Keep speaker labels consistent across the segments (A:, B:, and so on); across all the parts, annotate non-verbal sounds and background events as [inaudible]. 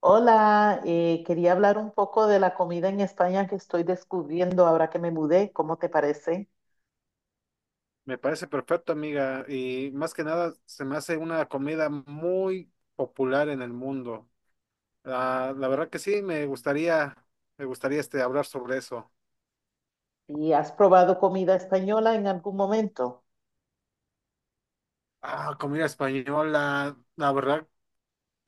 A: Hola, quería hablar un poco de la comida en España que estoy descubriendo ahora que me mudé. ¿Cómo te parece?
B: Me parece perfecto, amiga. Y más que nada, se me hace una comida muy popular en el mundo. La verdad que sí, me gustaría hablar sobre eso.
A: ¿Y has probado comida española en algún momento?
B: Ah, comida española. La verdad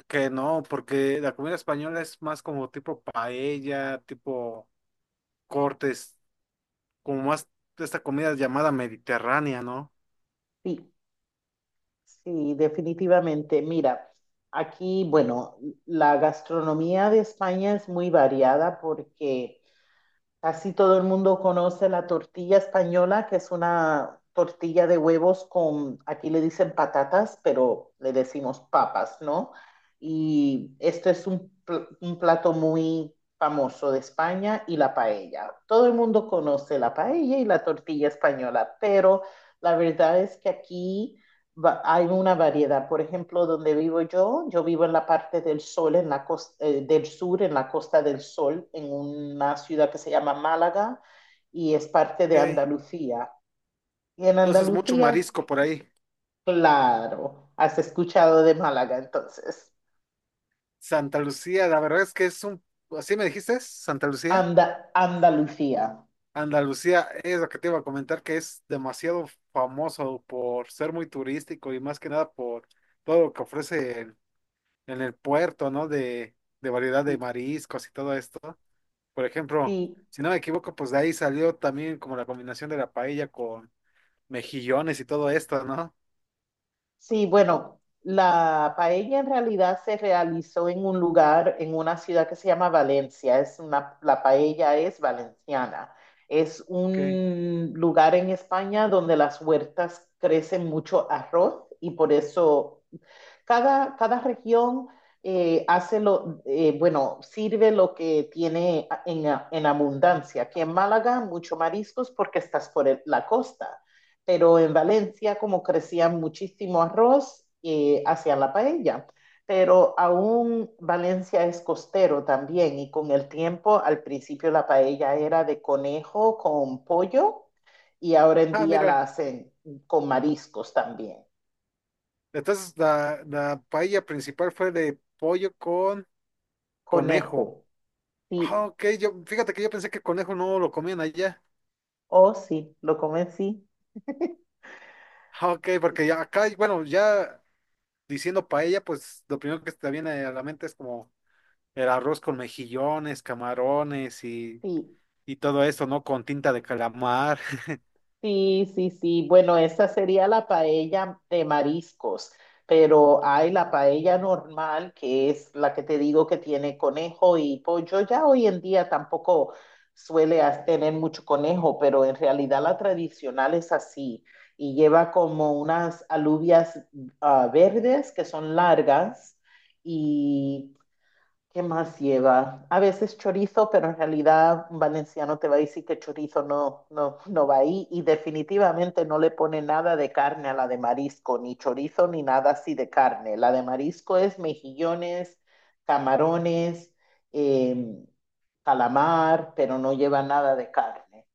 B: que no, porque la comida española es más como tipo paella, tipo cortes, como más de esta comida llamada mediterránea, ¿no?
A: Sí, sí, definitivamente. Mira, aquí, bueno, la gastronomía de España es muy variada porque casi todo el mundo conoce la tortilla española, que es una tortilla de huevos con, aquí le dicen patatas, pero le decimos papas, ¿no? Y esto es un plato muy famoso de España y la paella. Todo el mundo conoce la paella y la tortilla española, pero la verdad es que aquí hay una variedad. Por ejemplo, donde vivo yo, yo vivo en la parte del sol, en la costa, del sur, en la Costa del Sol, en una ciudad que se llama Málaga y es parte de
B: Ok.
A: Andalucía. Y en
B: Entonces, mucho
A: Andalucía,
B: marisco por ahí.
A: claro, has escuchado de Málaga entonces.
B: Santa Lucía, la verdad es que es un... ¿Así me dijiste? ¿Santa Lucía?
A: Andalucía.
B: Andalucía es lo que te iba a comentar, que es demasiado famoso por ser muy turístico y más que nada por todo lo que ofrece en el puerto, ¿no? De variedad de
A: Sí,
B: mariscos y todo esto. Por ejemplo,
A: sí,
B: si no me equivoco, pues de ahí salió también como la combinación de la paella con mejillones y todo esto, ¿no?
A: sí, bueno, la paella en realidad se realizó en un lugar, en una ciudad que se llama Valencia. La paella es valenciana. Es
B: Ok.
A: un lugar en España donde las huertas crecen mucho arroz y por eso cada región hace lo, bueno, sirve lo que tiene en abundancia. Aquí en Málaga, mucho mariscos porque estás por el, la costa, pero en Valencia, como crecían muchísimo arroz, hacían la paella. Pero aún Valencia es costero también y con el tiempo, al principio la paella era de conejo con pollo y ahora en
B: Ah,
A: día la
B: mira.
A: hacen con mariscos también,
B: Entonces la paella principal fue de pollo con conejo.
A: conejo. Sí,
B: Ah, ok, yo, fíjate que yo pensé que conejo no lo comían allá.
A: oh, sí, lo convencí.
B: Ah, ok, porque ya acá, bueno, ya diciendo paella, pues lo primero que se te viene a la mente es como el arroz con mejillones, camarones
A: Sí,
B: y todo eso, ¿no? Con tinta de calamar.
A: sí, sí, sí, sí. Bueno, esa sería la paella de mariscos, pero hay la paella normal, que es la que te digo que tiene conejo y pollo. Ya hoy en día tampoco suele tener mucho conejo, pero en realidad la tradicional es así y lleva como unas alubias verdes que son largas. Y ¿qué más lleva? A veces chorizo, pero en realidad un valenciano te va a decir que chorizo no, no, no va ahí y definitivamente no le pone nada de carne a la de marisco, ni chorizo ni nada así de carne. La de marisco es mejillones, camarones, em, calamar, pero no lleva nada de carne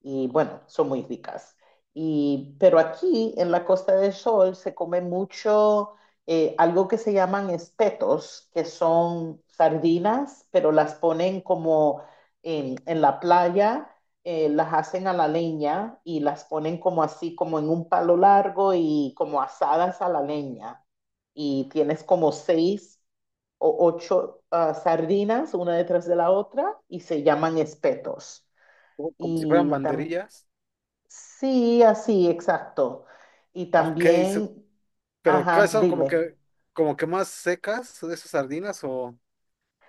A: y bueno, son muy ricas. Pero aquí en la Costa del Sol se come mucho algo que se llaman espetos, que son sardinas, pero las ponen como en la playa, las hacen a la leña y las ponen como así, como en un palo largo y como asadas a la leña. Y tienes como seis o ocho sardinas, una detrás de la otra, y se llaman espetos.
B: [laughs] Como si fueran
A: Y tam-
B: banderillas.
A: Sí, así, exacto. Y
B: Ok, so-
A: también,
B: pero ¿cuáles
A: ajá,
B: son
A: dime.
B: como que más secas de esas sardinas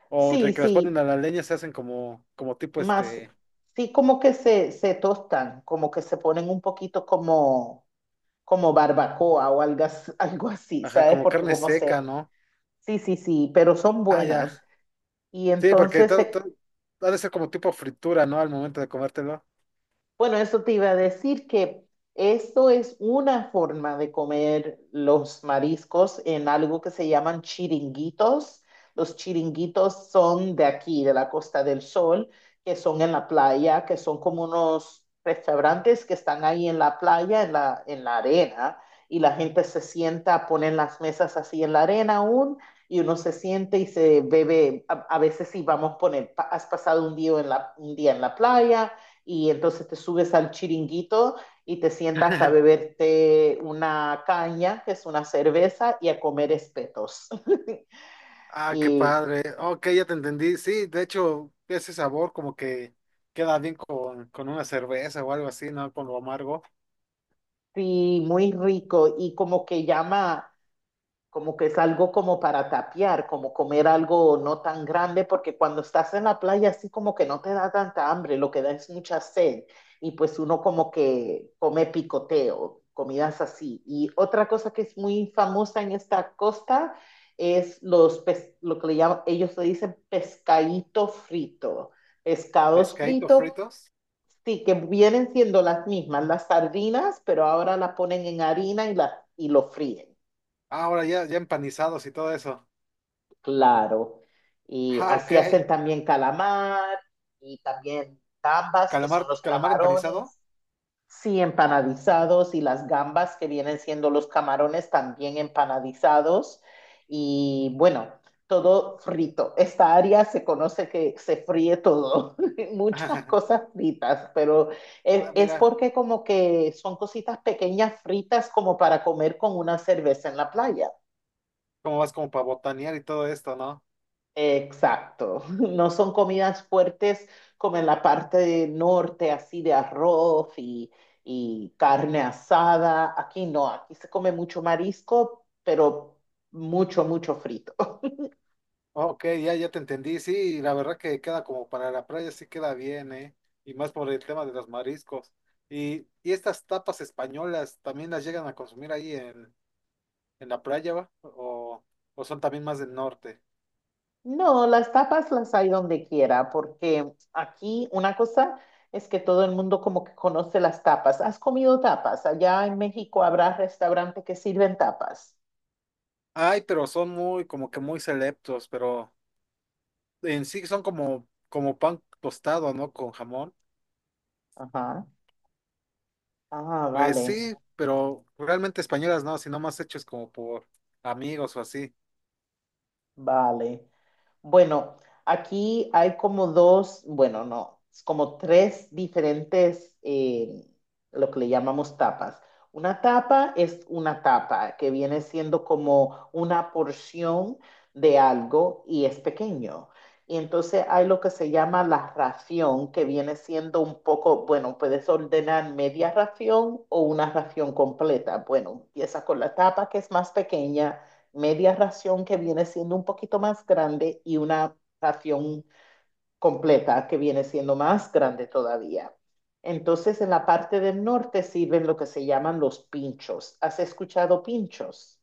B: o de
A: Sí,
B: que las ponen
A: sí,
B: a la leña se hacen como, como tipo
A: más, sí, como que se tostan, como que se ponen un poquito como, como barbacoa o algo, [laughs] algo así,
B: ajá,
A: ¿sabes?
B: como carne seca, ¿no?
A: Sí, sí, sí, pero son
B: Ah, ya.
A: buenas. Y
B: Sí, porque
A: entonces
B: todo, todo
A: se
B: ha de ser como tipo fritura, ¿no? Al momento de comértelo.
A: Bueno, eso te iba a decir que esto es una forma de comer los mariscos en algo que se llaman chiringuitos. Los chiringuitos son de aquí, de la Costa del Sol, que son en la playa, que son como unos restaurantes que están ahí en la playa, en la arena, y la gente se sienta, ponen las mesas así en la arena aún, y uno se siente y se bebe. A veces si vamos a poner, has pasado un día en la playa y entonces te subes al chiringuito y te sientas a
B: [laughs]
A: beberte una caña, que es una cerveza, y a comer espetos. [laughs]
B: Ah, qué
A: Y
B: padre. Ok, ya te entendí. Sí, de hecho, ese sabor como que queda bien con una cerveza o algo así, ¿no? Con lo amargo.
A: sí, muy rico y como que llama como que es algo como para tapear, como comer algo no tan grande, porque cuando estás en la playa así como que no te da tanta hambre, lo que da es mucha sed y pues uno como que come picoteo, comidas así. Y otra cosa que es muy famosa en esta costa es los pes, lo que le llaman, ellos le dicen pescadito frito, pescados
B: Pescadito
A: fritos,
B: fritos.
A: sí, que vienen siendo las mismas, las sardinas, pero ahora las ponen en harina y, la, y lo fríen.
B: Ah, ahora ya, ya empanizados y todo eso.
A: Claro. Y
B: Ah, ok.
A: así hacen también calamar y también gambas, que
B: Calamar,
A: son los
B: calamar empanizado.
A: camarones, sí, empanadizados, y las gambas, que vienen siendo los camarones, también empanadizados. Y bueno, todo frito. Esta área se conoce que se fríe todo, [laughs] muchas
B: [laughs]
A: cosas fritas, pero
B: Ah,
A: es
B: mira,
A: porque como que son cositas pequeñas fritas como para comer con una cerveza en la playa.
B: cómo vas como para botanear y todo esto, ¿no?
A: Exacto, [laughs] no son comidas fuertes como en la parte de norte, así de arroz y carne asada. Aquí no, aquí se come mucho marisco, pero mucho, mucho frito. [laughs]
B: Ok, ya, ya te entendí. Sí, la verdad que queda como para la playa, sí queda bien, ¿eh? Y más por el tema de los mariscos. Y estas tapas españolas también las llegan a consumir ahí en la playa, va, o son también más del norte.
A: No, las tapas las hay donde quiera, porque aquí una cosa es que todo el mundo como que conoce las tapas. ¿Has comido tapas? Allá en México habrá restaurantes que sirven tapas.
B: Ay, pero son muy, como que muy selectos, pero en sí son como, como pan tostado, ¿no? Con jamón.
A: Ajá. Ah,
B: Pues
A: vale,
B: sí, pero realmente españolas no, sino más hechos como por amigos o así.
A: vale. Bueno, aquí hay como dos, bueno, no, es como tres diferentes, lo que le llamamos tapas. Una tapa es una tapa que viene siendo como una porción de algo y es pequeño. Y entonces hay lo que se llama la ración, que viene siendo un poco, bueno, puedes ordenar media ración o una ración completa. Bueno, empieza con la tapa que es más pequeña, media ración que viene siendo un poquito más grande y una ración completa que viene siendo más grande todavía. Entonces, en la parte del norte sirven lo que se llaman los pinchos. ¿Has escuchado pinchos?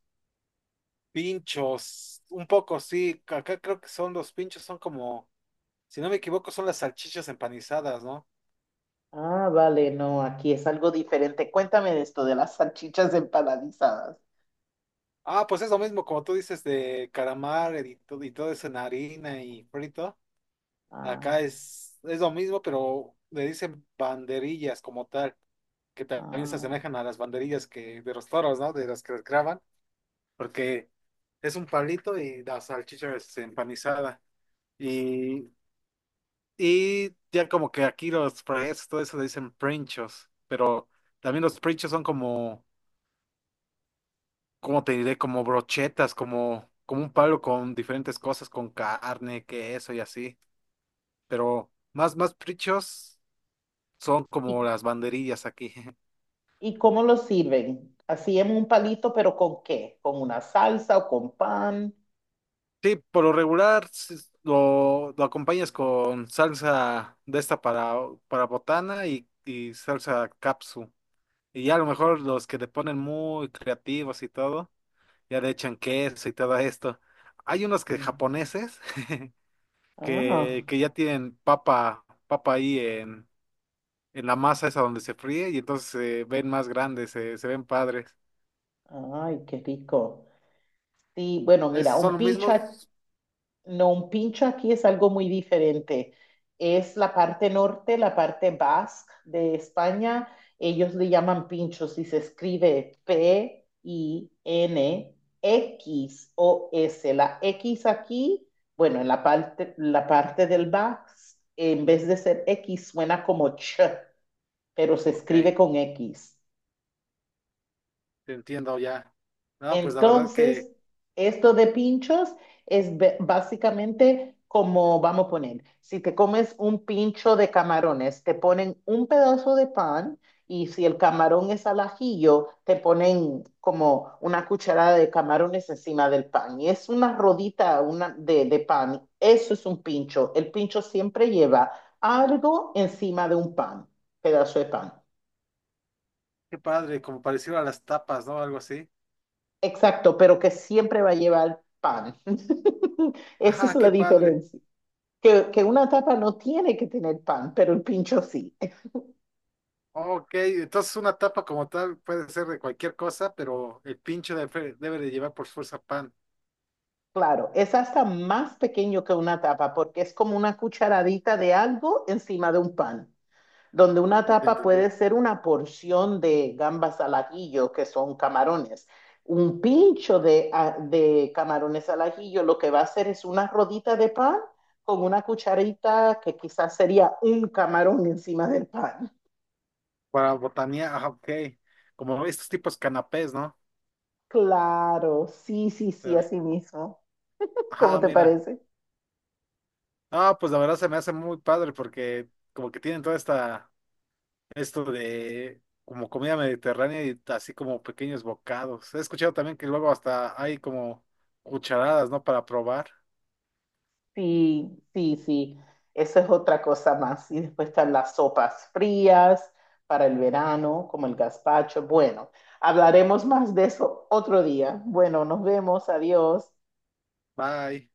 B: Pinchos, un poco sí, acá creo que son los pinchos, son como, si no me equivoco, son las salchichas empanizadas, ¿no?
A: Ah, vale, no, aquí es algo diferente. Cuéntame de esto de las salchichas empanadizadas.
B: Ah, pues es lo mismo, como tú dices, de calamar y, y todo eso en harina y frito.
A: Ah,
B: Acá es lo mismo, pero le dicen banderillas como tal, que también se
A: ah.
B: asemejan a las banderillas que de los toros, ¿no? De las que les graban, porque es un palito y la salchicha es empanizada. Y, y ya como que aquí los fries, todo eso le dicen princhos, pero también los princhos son como, ¿cómo te diré? Como brochetas, como, como un palo con diferentes cosas, con carne, queso y así. Pero más, más princhos son como
A: ¿Y,
B: las banderillas aquí. [laughs]
A: y cómo lo sirven? Así en un palito, pero ¿con qué? ¿Con una salsa o con pan?
B: Sí, por lo regular sí, lo acompañas con salsa de esta para botana y salsa capsu. Y ya a lo mejor los que te ponen muy creativos y todo, ya le echan queso y todo esto. Hay unos que
A: Mm.
B: japoneses [laughs]
A: Ah,
B: que ya tienen papa ahí en la masa esa donde se fríe y entonces se ven más grandes, se ven padres.
A: ay, qué rico. Sí, bueno, mira,
B: ¿Son
A: un
B: los
A: pincho,
B: mismos?
A: no, un pincho aquí es algo muy diferente. Es la parte norte, la parte basque de España. Ellos le llaman pinchos y se escribe pinxos. La X aquí, bueno, en la parte, del basque, en vez de ser X, suena como ch, pero se escribe
B: Ok.
A: con X.
B: Te entiendo ya. No, pues la verdad que,
A: Entonces, esto de pinchos es básicamente como vamos a poner, si te comes un pincho de camarones, te ponen un pedazo de pan y si el camarón es al ajillo, te ponen como una cucharada de camarones encima del pan. Y es una rodita una de pan. Eso es un pincho. El pincho siempre lleva algo encima de un pan, pedazo de pan.
B: qué padre, como parecido a las tapas, ¿no? Algo así.
A: Exacto, pero que siempre va a llevar pan. [laughs] Esa es
B: Ajá, qué
A: la
B: padre.
A: diferencia. Que una tapa no tiene que tener pan, pero el pincho sí.
B: Ok, entonces una tapa como tal puede ser de cualquier cosa, pero el pincho debe de llevar por fuerza pan.
A: Claro, es hasta más pequeño que una tapa porque es como una cucharadita de algo encima de un pan, donde una
B: Ya te
A: tapa
B: entendí.
A: puede ser una porción de gambas al ajillo, que son camarones. Un pincho de, de camarones al ajillo lo que va a hacer es una rodita de pan con una cucharita que quizás sería un camarón encima del pan.
B: Para botanía, ajá, ok. Como estos tipos canapés, ¿no?
A: Claro, sí, sí, sí,
B: Pero,
A: así mismo. ¿Cómo
B: ajá,
A: te
B: mira.
A: parece?
B: Ah, pues la verdad se me hace muy padre porque como que tienen toda esta esto de como comida mediterránea y así como pequeños bocados. He escuchado también que luego hasta hay como cucharadas, ¿no? Para probar.
A: Sí, sí, sí. Eso es otra cosa más. Y después están las sopas frías para el verano, como el gazpacho. Bueno, hablaremos más de eso otro día. Bueno, nos vemos. Adiós.
B: Bye.